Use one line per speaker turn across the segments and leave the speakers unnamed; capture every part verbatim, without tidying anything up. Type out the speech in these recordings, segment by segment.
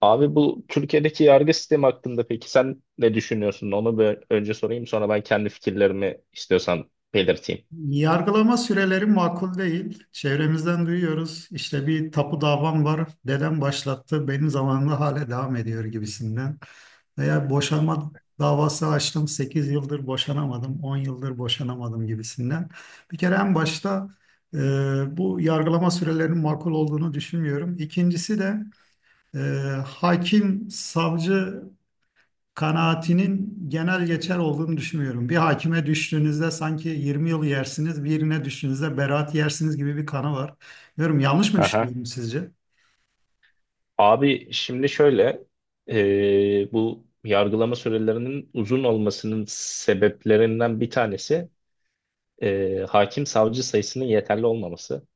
Abi, bu Türkiye'deki yargı sistemi hakkında peki sen ne düşünüyorsun? Onu bir önce sorayım, sonra ben kendi fikirlerimi istiyorsan belirteyim.
Yargılama süreleri makul değil. Çevremizden duyuyoruz. İşte bir tapu davam var. Dedem başlattı. Benim zamanımda hala devam ediyor gibisinden. Veya boşanma davası açtım. Sekiz yıldır boşanamadım. On yıldır boşanamadım gibisinden. Bir kere en başta e, bu yargılama sürelerinin makul olduğunu düşünmüyorum. İkincisi de e, hakim, savcı kanaatinin genel geçer olduğunu düşünmüyorum. Bir hakime düştüğünüzde sanki yirmi yıl yersiniz, birine düştüğünüzde beraat yersiniz gibi bir kanı var. Bilmiyorum yanlış mı
Aha.
düşünüyorum sizce?
Abi şimdi şöyle, e, bu yargılama sürelerinin uzun olmasının sebeplerinden bir tanesi e, hakim savcı sayısının yeterli olmaması.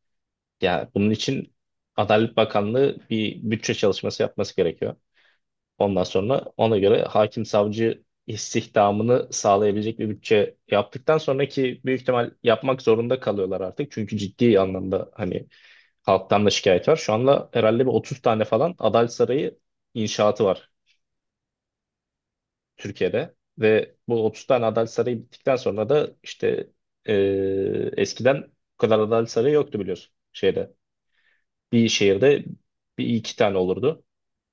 Ya bunun için Adalet Bakanlığı bir bütçe çalışması yapması gerekiyor. Ondan sonra ona göre hakim savcı istihdamını sağlayabilecek bir bütçe yaptıktan sonraki büyük ihtimal yapmak zorunda kalıyorlar artık. Çünkü ciddi anlamda hani halktan da şikayet var. Şu anda herhalde bir otuz tane falan Adalet Sarayı inşaatı var Türkiye'de. Ve bu otuz tane Adalet Sarayı bittikten sonra da işte eee, eskiden bu kadar Adalet Sarayı yoktu biliyorsun şeyde. Bir şehirde bir iki tane olurdu.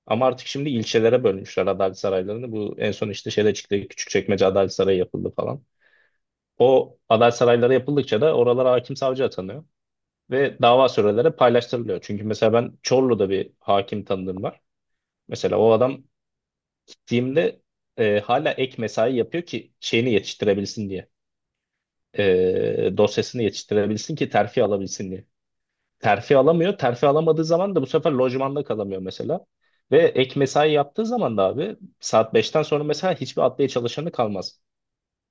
Ama artık şimdi ilçelere bölmüşler adalet saraylarını. Bu en son işte şeyde çıktı. Küçükçekmece Adalet Sarayı yapıldı falan. O adalet sarayları yapıldıkça da oralara hakim savcı atanıyor. Ve dava süreleri paylaştırılıyor. Çünkü mesela ben Çorlu'da bir hakim tanıdığım var. Mesela o adam gittiğimde e, hala ek mesai yapıyor ki şeyini yetiştirebilsin diye. E, dosyasını yetiştirebilsin ki terfi alabilsin diye. Terfi alamıyor. Terfi alamadığı zaman da bu sefer lojmanda kalamıyor mesela. Ve ek mesai yaptığı zaman da abi, saat beşten sonra mesela hiçbir adliye çalışanı kalmaz.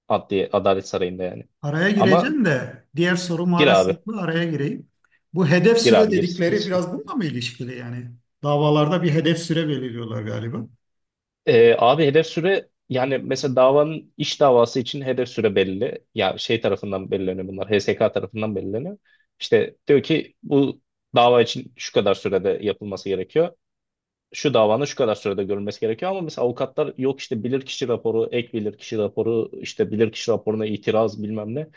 Adliye, Adalet Sarayı'nda yani.
Araya
Ama
gireceğim de diğer soru
gir abi.
maalesef bu, araya gireyim. Bu hedef
Gir
süre
abi, gir. Hiç
dedikleri
sıkıntı.
biraz bununla mı ilişkili yani? Davalarda bir hedef süre belirliyorlar galiba.
Ee, abi hedef süre yani mesela davanın iş davası için hedef süre belli. Ya şey tarafından belirleniyor bunlar. H S K tarafından belirleniyor. İşte diyor ki bu dava için şu kadar sürede yapılması gerekiyor. Şu davanın şu kadar sürede görülmesi gerekiyor ama mesela avukatlar yok işte bilirkişi raporu, ek bilirkişi raporu, işte bilirkişi raporuna itiraz bilmem ne.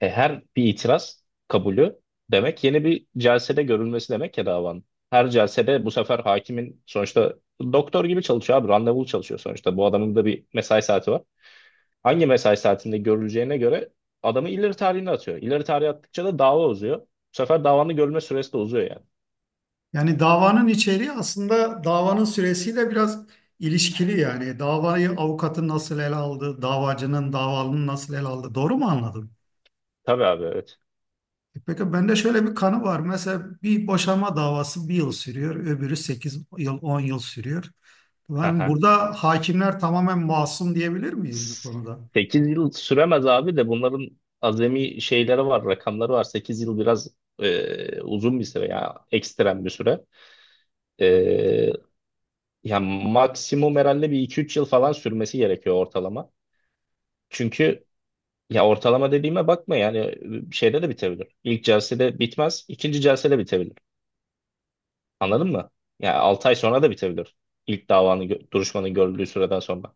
E, her bir itiraz kabulü demek yeni bir celsede görülmesi demek ya davanın. Her celsede bu sefer hakimin sonuçta doktor gibi çalışıyor abi, randevulu çalışıyor sonuçta. Bu adamın da bir mesai saati var. Hangi mesai saatinde görüleceğine göre adamı ileri tarihine atıyor. İleri tarihe attıkça da dava uzuyor. Bu sefer davanın görülme süresi de uzuyor yani.
Yani davanın içeriği aslında davanın süresiyle biraz ilişkili yani. Davayı avukatın nasıl ele aldı, davacının, davalının nasıl ele aldı. Doğru mu anladım?
Tabii abi, evet.
Peki bende şöyle bir kanı var. Mesela bir boşanma davası bir yıl sürüyor, öbürü sekiz yıl, on yıl sürüyor. Yani burada hakimler tamamen masum diyebilir miyiz bu konuda?
sekiz yıl süremez abi de bunların azami şeyleri var, rakamları var. sekiz yıl biraz e, uzun bir süre ya, ekstrem bir süre. E, Ya maksimum herhalde bir iki üç yıl falan sürmesi gerekiyor ortalama. Çünkü ya ortalama dediğime bakma yani, şeyde de bitebilir. İlk celsede bitmez, ikinci celsede bitebilir. Anladın mı? Yani altı ay sonra da bitebilir. İlk davanın gö- duruşmanın görüldüğü süreden sonra.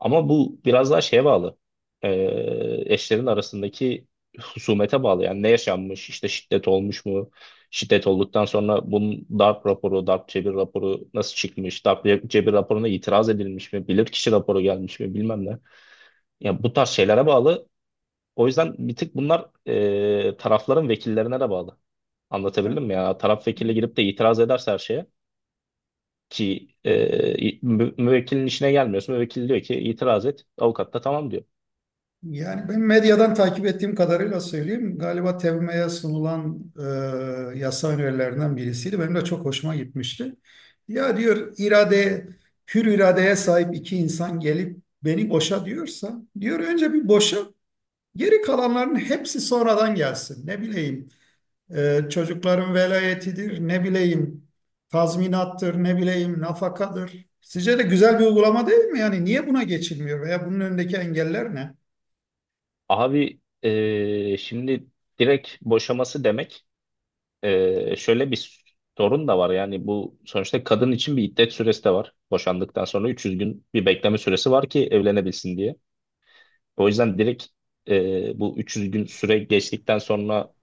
Ama bu biraz daha şeye bağlı. Ee, Eşlerin arasındaki husumete bağlı. Yani ne yaşanmış, işte şiddet olmuş mu? Şiddet olduktan sonra bunun darp raporu, darp cebir raporu nasıl çıkmış? Darp ce- cebir raporuna itiraz edilmiş mi? Bilirkişi raporu gelmiş mi? Bilmem ne. Yani bu tarz şeylere bağlı. O yüzden bir tık bunlar ee, tarafların vekillerine de bağlı. Anlatabildim mi? Yani taraf vekili girip de itiraz ederse her şeye ki e, mü- müvekkilin işine gelmiyorsun. Müvekkil diyor ki itiraz et. Avukat da tamam diyor.
Yani ben medyadan takip ettiğim kadarıyla söyleyeyim. Galiba T E V M E'ye sunulan e, yasa önerilerinden birisiydi. Benim de çok hoşuma gitmişti. Ya diyor irade, hür iradeye sahip iki insan gelip beni boşa diyorsa, diyor önce bir boşa, geri kalanların hepsi sonradan gelsin. Ne bileyim, Ee, çocukların velayetidir, ne bileyim tazminattır, ne bileyim nafakadır. Sizce de güzel bir uygulama değil mi? Yani niye buna geçilmiyor veya bunun önündeki engeller ne?
Abi, e, şimdi direkt boşaması demek e, şöyle bir sorun da var. Yani bu sonuçta kadın için bir iddet süresi de var. Boşandıktan sonra üç yüz gün bir bekleme süresi var ki evlenebilsin diye. O yüzden direkt e, bu üç yüz gün süre geçtikten sonra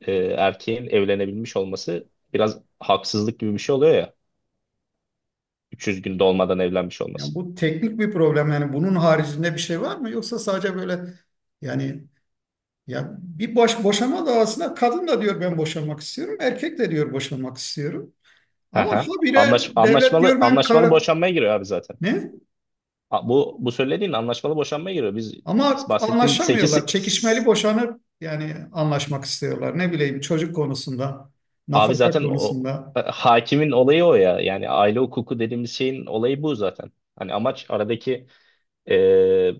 e, erkeğin evlenebilmiş olması biraz haksızlık gibi bir şey oluyor ya. üç yüz gün dolmadan evlenmiş olması.
Yani bu teknik bir problem. Yani bunun haricinde bir şey var mı? Yoksa sadece böyle yani, ya bir boş boşama davasında kadın da diyor ben boşanmak istiyorum, erkek de diyor boşanmak istiyorum. Ama
Aha.
habire
Anlaş,
devlet
anlaşmalı
diyor ben
anlaşmalı
kara
boşanmaya giriyor abi zaten.
ne?
A- Bu bu söylediğin anlaşmalı boşanmaya giriyor. Biz, biz
Ama
bahsettiğin sekiz,
anlaşamıyorlar. Çekişmeli boşanıp yani anlaşmak istiyorlar. Ne bileyim çocuk konusunda,
abi
nafaka
zaten o
konusunda.
e, hakimin olayı o ya. Yani aile hukuku dediğimiz şeyin olayı bu zaten. Hani amaç aradaki e,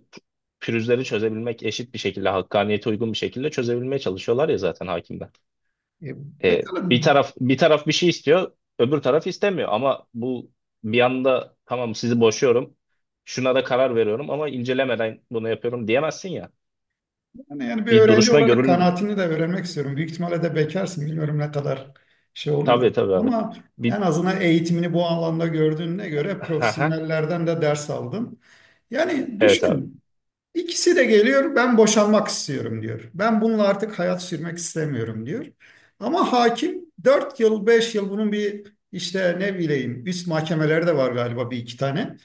pürüzleri çözebilmek, eşit bir şekilde hakkaniyete uygun bir şekilde çözebilmeye çalışıyorlar ya zaten hakimler.
E,
E,
pekala
bir taraf bir taraf bir şey istiyor, öbür taraf istemiyor. Ama bu bir anda tamam sizi boşuyorum, şuna da karar veriyorum ama incelemeden bunu yapıyorum diyemezsin ya.
yani, yani bir
Bir
öğrenci
duruşma
olarak
görül
kanaatini de öğrenmek istiyorum. Büyük ihtimalle de bekarsın. Bilmiyorum ne kadar şey olur da.
tabii tabii abi.
Ama en
Bir
azından eğitimini bu alanda gördüğüne göre
Aha,
profesyonellerden de ders aldın. Yani
evet abi.
düşün. İkisi de geliyor, ben boşanmak istiyorum diyor. Ben bununla artık hayat sürmek istemiyorum diyor. Ama hakim dört yıl, beş yıl bunun bir işte ne bileyim üst mahkemelerde de var galiba bir iki tane.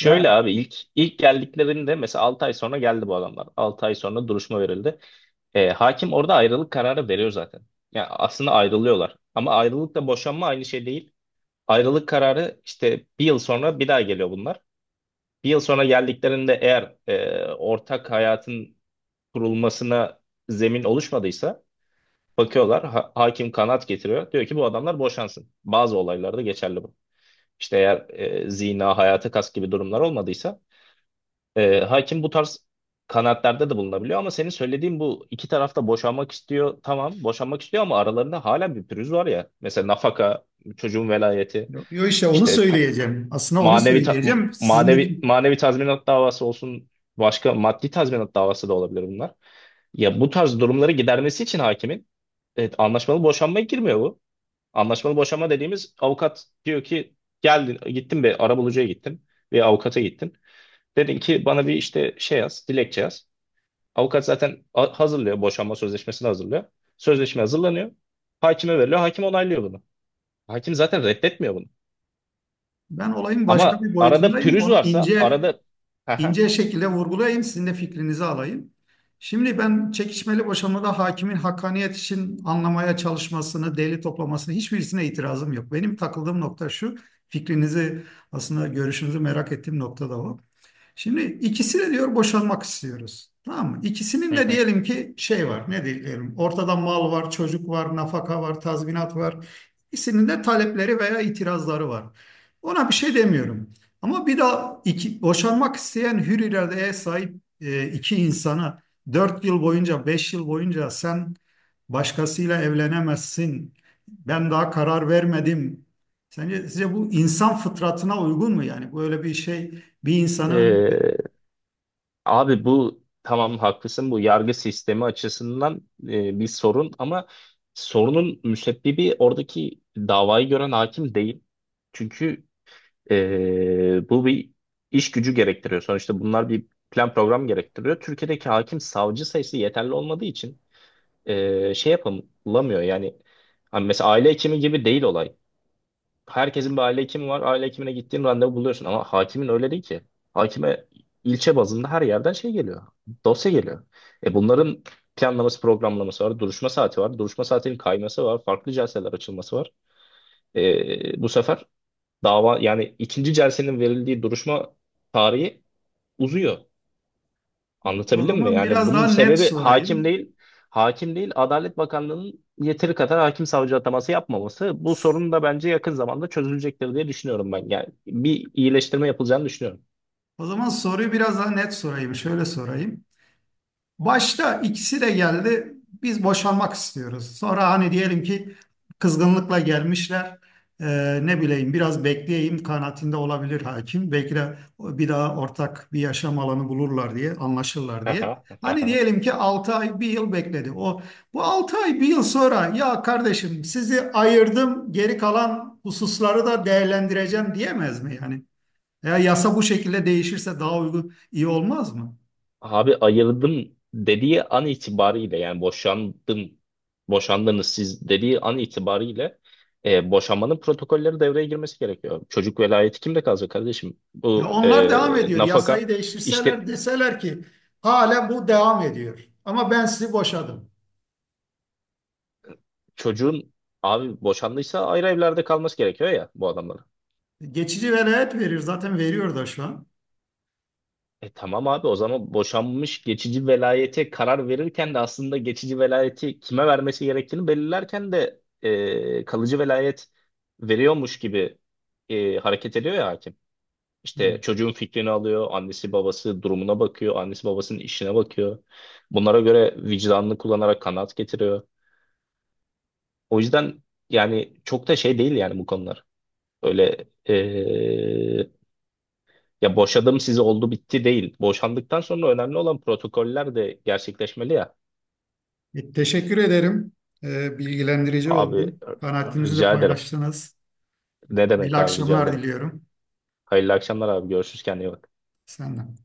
Yani
abi ilk ilk geldiklerinde mesela altı ay sonra geldi bu adamlar. altı ay sonra duruşma verildi. E, hakim orada ayrılık kararı veriyor zaten. Yani aslında ayrılıyorlar. Ama ayrılıkla boşanma aynı şey değil. Ayrılık kararı işte bir yıl sonra bir daha geliyor bunlar. Bir yıl sonra geldiklerinde eğer e, ortak hayatın kurulmasına zemin oluşmadıysa bakıyorlar, ha- hakim kanaat getiriyor. Diyor ki bu adamlar boşansın. Bazı olaylarda geçerli bu. İşte eğer e, zina, hayata kast gibi durumlar olmadıysa e, hakim bu tarz kanaatlerde de bulunabiliyor. Ama senin söylediğin bu iki tarafta boşanmak istiyor. Tamam, boşanmak istiyor ama aralarında hala bir pürüz var ya. Mesela nafaka, çocuğun velayeti,
yo işte onu
işte ta-
söyleyeceğim. Aslında onu
manevi ta-
söyleyeceğim. Sizin de
manevi manevi tazminat davası olsun, başka maddi tazminat davası da olabilir bunlar. Ya bu tarz durumları gidermesi için hakimin, evet, anlaşmalı boşanmaya girmiyor bu. Anlaşmalı boşanma dediğimiz avukat diyor ki geldin, gittin bir arabulucuya gittin ve avukata gittin. Dedin ki bana bir işte şey yaz, dilekçe yaz. Avukat zaten a- hazırlıyor, boşanma sözleşmesini hazırlıyor. Sözleşme hazırlanıyor. Hakime veriliyor. Hakim onaylıyor bunu. Hakim zaten reddetmiyor bunu.
ben olayın başka
Ama
bir
arada
boyutundayım.
pürüz
Onu
varsa
ince
arada
ince şekilde vurgulayayım, sizin de fikrinizi alayım. Şimdi ben çekişmeli boşanmada hakimin hakkaniyet için anlamaya çalışmasını, delil toplamasını hiçbirisine itirazım yok. Benim takıldığım nokta şu, fikrinizi aslında görüşünüzü merak ettiğim nokta da o. Şimdi ikisi de diyor boşanmak istiyoruz. Tamam mı? İkisinin
Hı
de
hı.
diyelim ki şey var. Ne diyelim? Ortada mal var, çocuk var, nafaka var, tazminat var. İkisinin de talepleri veya itirazları var. Ona bir şey demiyorum. Ama bir daha iki, boşanmak isteyen hür iradeye sahip e, iki insana dört yıl boyunca, beş yıl boyunca sen başkasıyla evlenemezsin. Ben daha karar vermedim. Sence size bu insan fıtratına uygun mu? Yani böyle bir şey bir insanı...
Ee, Abi bu tamam, haklısın, bu yargı sistemi açısından e, bir sorun ama sorunun müsebbibi oradaki davayı gören hakim değil. Çünkü e, bu bir iş gücü gerektiriyor. Sonuçta bunlar bir plan program gerektiriyor. Türkiye'deki hakim savcı sayısı yeterli olmadığı için e, şey yapamıyor yani. Hani mesela aile hekimi gibi değil olay. Herkesin bir aile hekimi var. Aile hekimine gittiğin randevu buluyorsun ama hakimin öyle değil ki. Hakime ilçe bazında her yerden şey geliyor. Dosya geliyor. E bunların planlaması, programlaması var. Duruşma saati var. Duruşma saatinin kayması var. Farklı celseler açılması var. E, bu sefer dava yani ikinci celsenin verildiği duruşma tarihi uzuyor.
O o
Anlatabildim mi?
zaman
Yani
biraz
bunun
daha net
sebebi hakim
sorayım.
değil. Hakim değil, Adalet Bakanlığı'nın yeteri kadar hakim savcı ataması yapmaması. Bu sorun da bence yakın zamanda çözülecektir diye düşünüyorum ben. Yani bir iyileştirme yapılacağını düşünüyorum.
O zaman soruyu biraz daha net sorayım. Şöyle sorayım. Başta ikisi de geldi. Biz boşanmak istiyoruz. Sonra hani diyelim ki kızgınlıkla gelmişler. Ee, ne bileyim biraz bekleyeyim kanaatinde olabilir hakim. Belki de bir daha ortak bir yaşam alanı bulurlar diye, anlaşırlar diye.
Aha,
Hani
aha.
diyelim ki altı ay, bir yıl bekledi. O bu altı ay, bir yıl sonra ya kardeşim sizi ayırdım, geri kalan hususları da değerlendireceğim diyemez mi yani? Ya yasa bu şekilde değişirse daha uygun iyi olmaz mı?
Abi ayırdım dediği an itibariyle yani, boşandım, boşandınız siz dediği an itibariyle e, boşanmanın protokolleri devreye girmesi gerekiyor. Çocuk velayeti kimde kalacak kardeşim?
Ya
Bu e,
onlar devam ediyor. Yasayı
nafaka
değiştirseler
işte
deseler ki hala bu devam ediyor. Ama ben sizi boşadım.
çocuğun, abi boşandıysa ayrı evlerde kalması gerekiyor ya bu adamların.
Geçici velayet verir. Zaten veriyor da şu an.
E tamam abi, o zaman boşanmış, geçici velayete karar verirken de aslında geçici velayeti kime vermesi gerektiğini belirlerken de e, kalıcı velayet veriyormuş gibi e, hareket ediyor ya hakim.
Hı.
İşte çocuğun fikrini alıyor, annesi babası durumuna bakıyor, annesi babasının işine bakıyor. Bunlara göre vicdanını kullanarak kanaat getiriyor. O yüzden yani çok da şey değil yani bu konular. Öyle e, Ya boşadım sizi, oldu bitti değil. Boşandıktan sonra önemli olan protokoller de gerçekleşmeli ya.
E, teşekkür ederim. E, bilgilendirici
Abi
oldu.
r-
Kanaatinizi de
rica ederim.
paylaştınız.
Ne
İyi
demek abi, rica
akşamlar
ederim.
diliyorum.
Hayırlı akşamlar abi. Görüşürüz, kendine iyi bak.
Senden.